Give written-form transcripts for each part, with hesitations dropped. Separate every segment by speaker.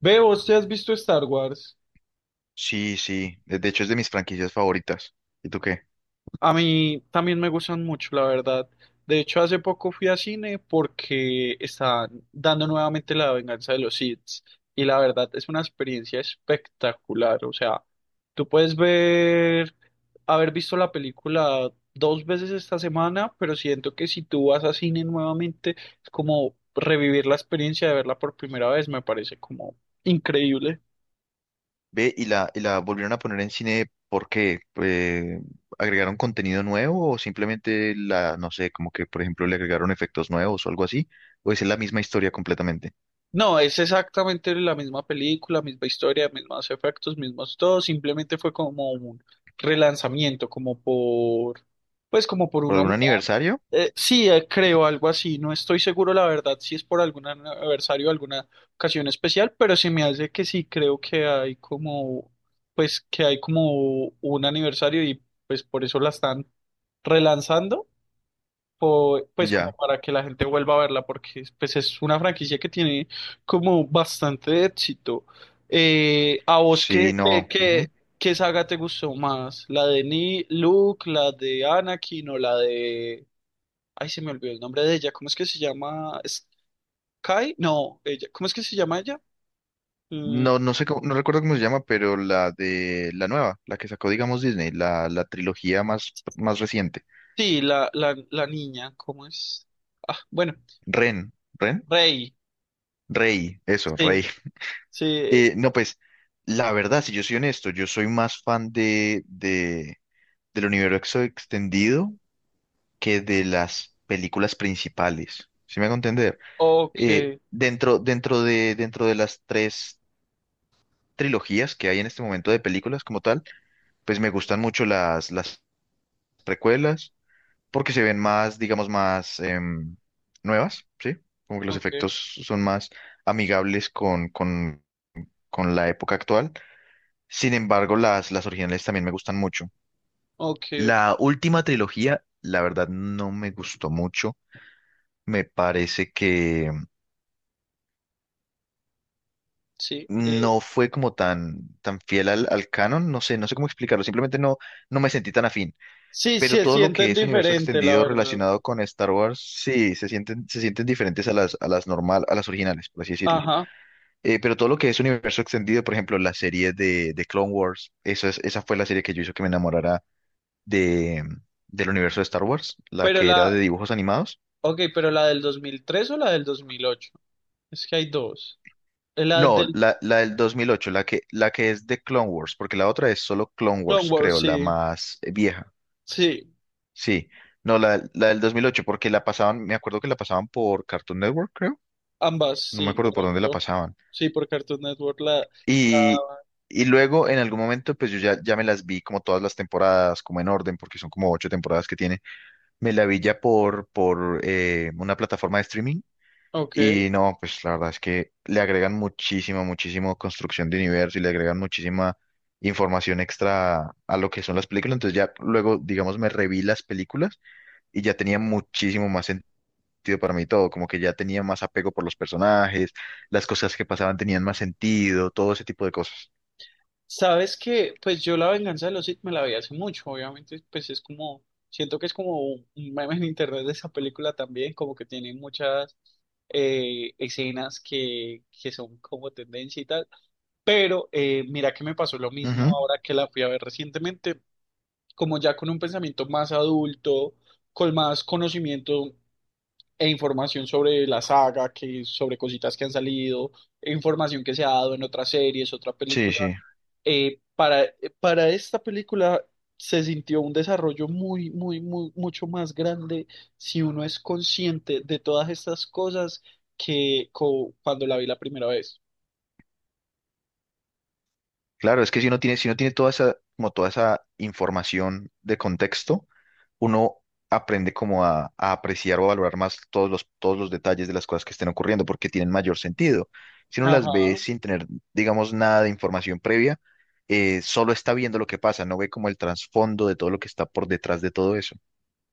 Speaker 1: Veo, ¿usted has visto Star Wars?
Speaker 2: Sí, sí. De hecho, es de mis franquicias favoritas. ¿Y tú qué?
Speaker 1: A mí también me gustan mucho, la verdad. De hecho, hace poco fui a cine porque están dando nuevamente la venganza de los Sith. Y la verdad es una experiencia espectacular. O sea, tú puedes ver, haber visto la película dos veces esta semana, pero siento que si tú vas a cine nuevamente, es como revivir la experiencia de verla por primera vez. Me parece como increíble.
Speaker 2: Ve, y la volvieron a poner en cine, ¿por qué? ¿Agregaron contenido nuevo o simplemente la, no sé, como que, por ejemplo, le agregaron efectos nuevos o algo así? ¿O es la misma historia completamente?
Speaker 1: No, es exactamente la misma película, misma historia, mismos efectos, mismos todo, simplemente fue como un relanzamiento, como por, pues como por
Speaker 2: ¿Por
Speaker 1: un
Speaker 2: algún
Speaker 1: homenaje.
Speaker 2: aniversario?
Speaker 1: Sí, creo algo así, no estoy seguro la verdad si es por algún aniversario, alguna ocasión especial, pero se me hace que sí, creo que hay como, pues que hay como un aniversario y pues por eso la están relanzando pues como
Speaker 2: Ya.
Speaker 1: para que la gente vuelva a verla, porque pues es una franquicia que tiene como bastante éxito. ¿A vos
Speaker 2: Sí, no. Ujú.
Speaker 1: qué saga te gustó más? ¿La de Ni Luke, la de Anakin o la de... Ay, se me olvidó el nombre de ella, ¿cómo es que se llama? ¿Sky? No, ella, ¿cómo es que se llama ella? Mm,
Speaker 2: No, no sé cómo, no recuerdo cómo se llama, pero la de la nueva, la que sacó, digamos, Disney, la trilogía más, más reciente.
Speaker 1: sí, la niña, ¿cómo es? Ah, bueno,
Speaker 2: Ren, Ren,
Speaker 1: Rey,
Speaker 2: Rey, eso,
Speaker 1: sí,
Speaker 2: Rey.
Speaker 1: sí,
Speaker 2: No, pues la verdad, si yo soy honesto, yo soy más fan del universo extendido que de las películas principales. ¿Sí me hago entender?
Speaker 1: ok,
Speaker 2: Dentro de las tres trilogías que hay en este momento de películas como tal, pues me gustan mucho las precuelas porque se ven más, digamos, más nuevas, ¿sí? Como que los
Speaker 1: ok,
Speaker 2: efectos son más amigables con la época actual. Sin embargo, las originales también me gustan mucho.
Speaker 1: ok, ok,
Speaker 2: La última trilogía, la verdad, no me gustó mucho. Me parece que
Speaker 1: sí.
Speaker 2: no fue como tan, tan fiel al canon. No sé, no sé cómo explicarlo. Simplemente no, no me sentí tan afín.
Speaker 1: Sí,
Speaker 2: Pero
Speaker 1: se
Speaker 2: todo lo que
Speaker 1: sienten
Speaker 2: es universo
Speaker 1: diferente, la
Speaker 2: extendido
Speaker 1: verdad.
Speaker 2: relacionado con Star Wars, sí, se sienten diferentes a a las normal, a las originales, por así decirlo.
Speaker 1: Ajá.
Speaker 2: Pero todo lo que es universo extendido, por ejemplo, la serie de Clone Wars, eso es, esa fue la serie que yo hizo que me enamorara de, del universo de Star Wars, la
Speaker 1: Pero
Speaker 2: que era de
Speaker 1: la,
Speaker 2: dibujos animados.
Speaker 1: ok, pero la del 2003 o la del 2008. Es que hay dos. La
Speaker 2: No,
Speaker 1: del
Speaker 2: la del 2008 la que es de Clone Wars, porque la otra es solo Clone
Speaker 1: Clone
Speaker 2: Wars,
Speaker 1: Wars,
Speaker 2: creo, la
Speaker 1: sí.
Speaker 2: más vieja.
Speaker 1: Sí,
Speaker 2: Sí, no, la del 2008 porque la pasaban, me acuerdo que la pasaban por Cartoon Network, creo.
Speaker 1: ambas,
Speaker 2: No me
Speaker 1: sí,
Speaker 2: acuerdo por dónde la
Speaker 1: correcto.
Speaker 2: pasaban.
Speaker 1: Sí, por Cartoon Network, la,
Speaker 2: Y, y luego, en algún momento, pues yo ya, ya me las vi como todas las temporadas, como en orden, porque son como ocho temporadas que tiene. Me la vi ya por una plataforma de streaming.
Speaker 1: ok.
Speaker 2: Y no, pues la verdad es que le agregan muchísima, muchísimo construcción de universo y le agregan muchísima información extra a lo que son las películas. Entonces ya luego, digamos, me reví las películas y ya tenía muchísimo más sentido para mí todo, como que ya tenía más apego por los personajes, las cosas que pasaban tenían más sentido, todo ese tipo de cosas.
Speaker 1: Sabes que, pues yo La Venganza de los Sith me la vi hace mucho, obviamente, pues es como, siento que es como un meme en internet de esa película también, como que tiene muchas escenas que son como tendencia y tal. Pero mira que me pasó lo mismo
Speaker 2: Ujú.
Speaker 1: ahora que la fui a ver recientemente, como ya con un pensamiento más adulto, con más conocimiento e información sobre la saga, que sobre cositas que han salido, e información que se ha dado en otras series, otra
Speaker 2: Sí,
Speaker 1: película.
Speaker 2: sí.
Speaker 1: Para esta película se sintió un desarrollo mucho más grande si uno es consciente de todas estas cosas que cuando la vi la primera vez.
Speaker 2: Claro, es que si uno tiene, si uno tiene toda esa, como toda esa información de contexto, uno aprende como a apreciar o a valorar más todos los detalles de las cosas que estén ocurriendo porque tienen mayor sentido. Si uno las
Speaker 1: Ajá.
Speaker 2: ve sin tener, digamos, nada de información previa, solo está viendo lo que pasa, no ve como el trasfondo de todo lo que está por detrás de todo eso.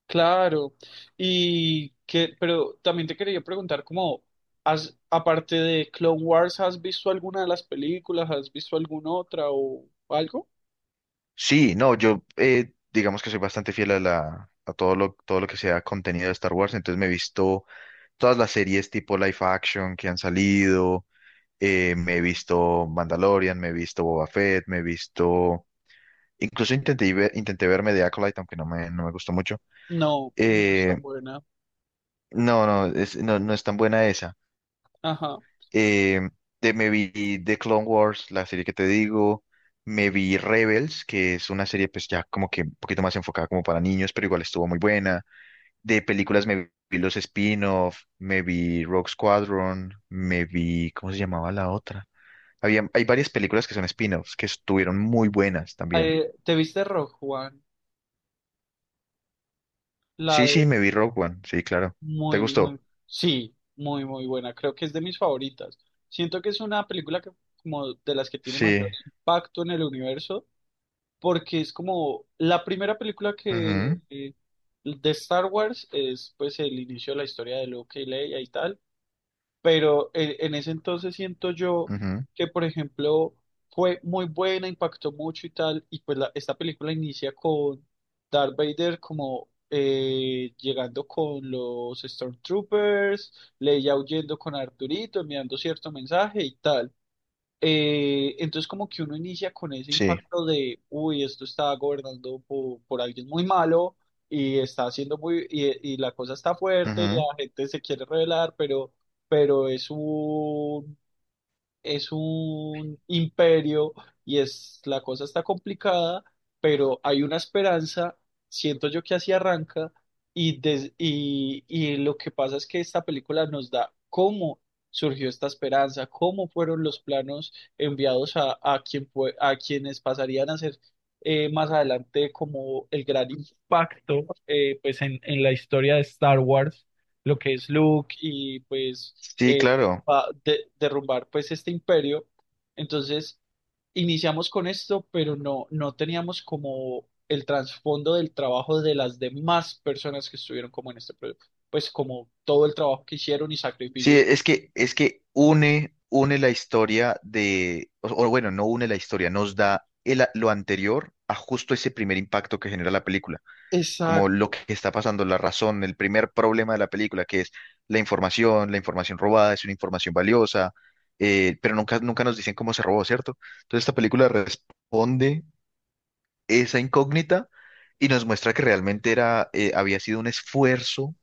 Speaker 1: Claro, y que, pero también te quería preguntar, como, has, aparte de Clone Wars, ¿has visto alguna de las películas? ¿Has visto alguna otra o algo?
Speaker 2: Sí, no, yo digamos que soy bastante fiel a la... a todo lo que sea contenido de Star Wars, entonces me he visto todas las series tipo live action que han salido. Me he visto Mandalorian, me he visto Boba Fett, me he visto... Incluso intenté, intenté verme de Acolyte, aunque no me, no me gustó mucho.
Speaker 1: No, no es
Speaker 2: Eh,
Speaker 1: tan buena.
Speaker 2: no, no, es, no, no es tan buena esa.
Speaker 1: Ajá.
Speaker 2: Eh, Me vi The Clone Wars, la serie que te digo. Me vi Rebels, que es una serie pues ya como que un poquito más enfocada como para niños, pero igual estuvo muy buena. De películas me vi los spin-off, me vi Rogue Squadron, me vi... ¿Cómo se llamaba la otra? Había, hay varias películas que son spin-offs que estuvieron muy buenas también.
Speaker 1: ¿Te viste Rogue One? La
Speaker 2: Sí,
Speaker 1: de
Speaker 2: sí, me vi Rogue One. Sí, claro. ¿Te
Speaker 1: muy, muy,
Speaker 2: gustó?
Speaker 1: sí, muy, muy buena. Creo que es de mis favoritas. Siento que es una película que, como, de las que tiene
Speaker 2: Sí.
Speaker 1: mayor impacto en el universo porque es como la primera película que
Speaker 2: Ujú,
Speaker 1: de Star Wars es pues el inicio de la historia de Luke y Leia y tal, pero en ese entonces siento yo
Speaker 2: ujú,
Speaker 1: que por ejemplo fue muy buena, impactó mucho y tal, y pues esta película inicia con Darth Vader como llegando con los Stormtroopers, Leia huyendo con Arturito, enviando cierto mensaje y tal. Entonces como que uno inicia con ese
Speaker 2: sí.
Speaker 1: impacto de, uy, esto está gobernando por alguien muy malo y está haciendo muy, y la cosa está fuerte, la
Speaker 2: Ujú.
Speaker 1: gente se quiere rebelar, pero es es un imperio y es la cosa está complicada, pero hay una esperanza, siento yo que así arranca y lo que pasa es que esta película nos da cómo surgió esta esperanza, cómo fueron los planos enviados quien a quienes pasarían a ser más adelante como el gran impacto pues en la historia de Star Wars, lo que es Luke y pues
Speaker 2: Sí,
Speaker 1: eh,
Speaker 2: claro.
Speaker 1: derrumbar pues este imperio. Entonces iniciamos con esto, pero no, no teníamos como el trasfondo del trabajo de las demás personas que estuvieron como en este proyecto, pues como todo el trabajo que hicieron y
Speaker 2: Sí,
Speaker 1: sacrificios.
Speaker 2: es que une, une la historia de, o bueno, no une la historia, nos da lo anterior a justo ese primer impacto que genera la película. Como lo
Speaker 1: Exacto,
Speaker 2: que está pasando, la razón, el primer problema de la película, que es la información robada, es una información valiosa, pero nunca, nunca nos dicen cómo se robó, ¿cierto? Entonces esta película responde esa incógnita y nos muestra que realmente era, había sido un esfuerzo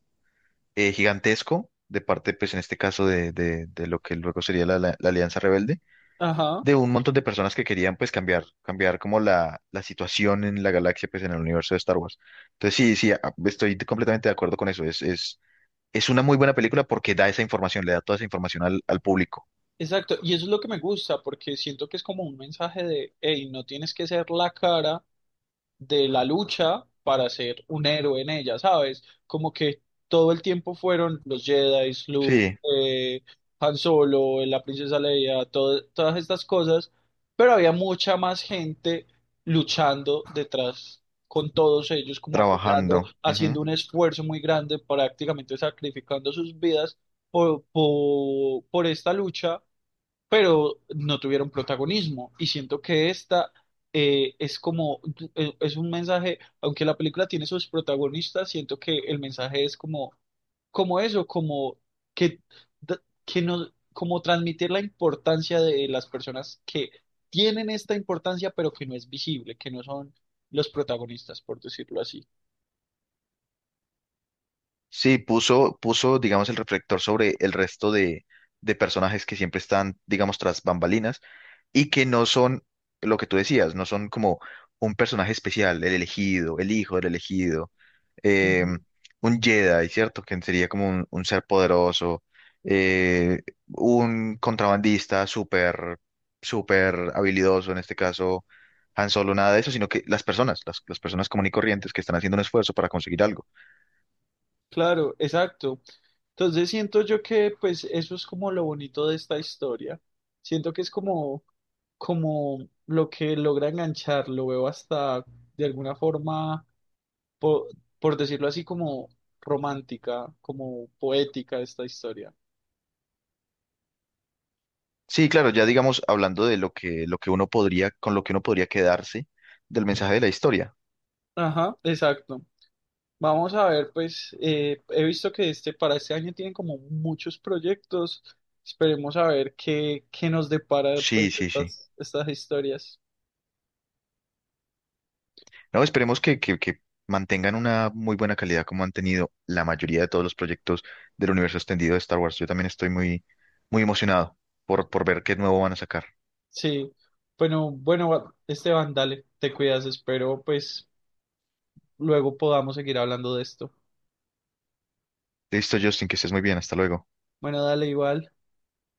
Speaker 2: gigantesco de parte, pues en este caso, de, de lo que luego sería la Alianza Rebelde
Speaker 1: ajá,
Speaker 2: de un montón de personas que querían pues cambiar, cambiar como la situación en la galaxia, pues en el universo de Star Wars. Entonces sí, sí, estoy completamente de acuerdo con eso. Es una muy buena película porque da esa información, le da toda esa información al público.
Speaker 1: exacto. Y eso es lo que me gusta, porque siento que es como un mensaje de, hey, no tienes que ser la cara de la lucha para ser un héroe en ella, ¿sabes? Como que todo el tiempo fueron los Jedi, Luke,
Speaker 2: Sí,
Speaker 1: eh, Han Solo, la princesa Leia, todas estas cosas, pero había mucha más gente luchando detrás con todos ellos, como apoyando,
Speaker 2: trabajando.
Speaker 1: haciendo
Speaker 2: Ujú.
Speaker 1: un esfuerzo muy grande, prácticamente sacrificando sus vidas por, por esta lucha pero no tuvieron protagonismo. Y siento que esta eh, es como, es un mensaje, aunque la película tiene sus protagonistas, siento que el mensaje es como, como eso, como que, d- que no, como transmitir la importancia de las personas que tienen esta importancia, pero que no es visible, que no son los protagonistas, por decirlo así.
Speaker 2: Sí, puso, puso, digamos, el reflector sobre el resto de personajes que siempre están, digamos, tras bambalinas y que no son lo que tú decías, no son como un personaje especial, el elegido, el hijo del elegido, eh,
Speaker 1: Ujú.
Speaker 2: un Jedi, ¿cierto? Que sería como un ser poderoso, eh, un contrabandista súper, súper habilidoso, en este caso Han Solo, nada de eso, sino que las personas común y corrientes que están haciendo un esfuerzo para conseguir algo.
Speaker 1: Claro, exacto. Entonces siento yo que pues eso es como lo bonito de esta historia. Siento que es como, como lo que logra enganchar, lo veo hasta de alguna forma, po- por, decirlo así, como romántica, como poética esta historia.
Speaker 2: Sí, claro, ya digamos, hablando de lo que uno podría, con lo que uno podría quedarse del mensaje de la historia.
Speaker 1: Ajá, exacto. Vamos a ver, pues he visto que este para este año tienen como muchos proyectos. Esperemos a ver qué, qué nos depara pues,
Speaker 2: Sí, sí, sí.
Speaker 1: estas, estas historias.
Speaker 2: No, esperemos que mantengan una muy buena calidad como han tenido la mayoría de todos los proyectos del universo extendido de Star Wars. Yo también estoy muy, muy emocionado por ver qué nuevo van a sacar.
Speaker 1: Sí, bueno, bueno, Esteban, dale, te cuidas, espero pues luego podamos seguir hablando de esto.
Speaker 2: Listo, Justin, que estés muy bien. Hasta luego.
Speaker 1: Bueno, dale igual.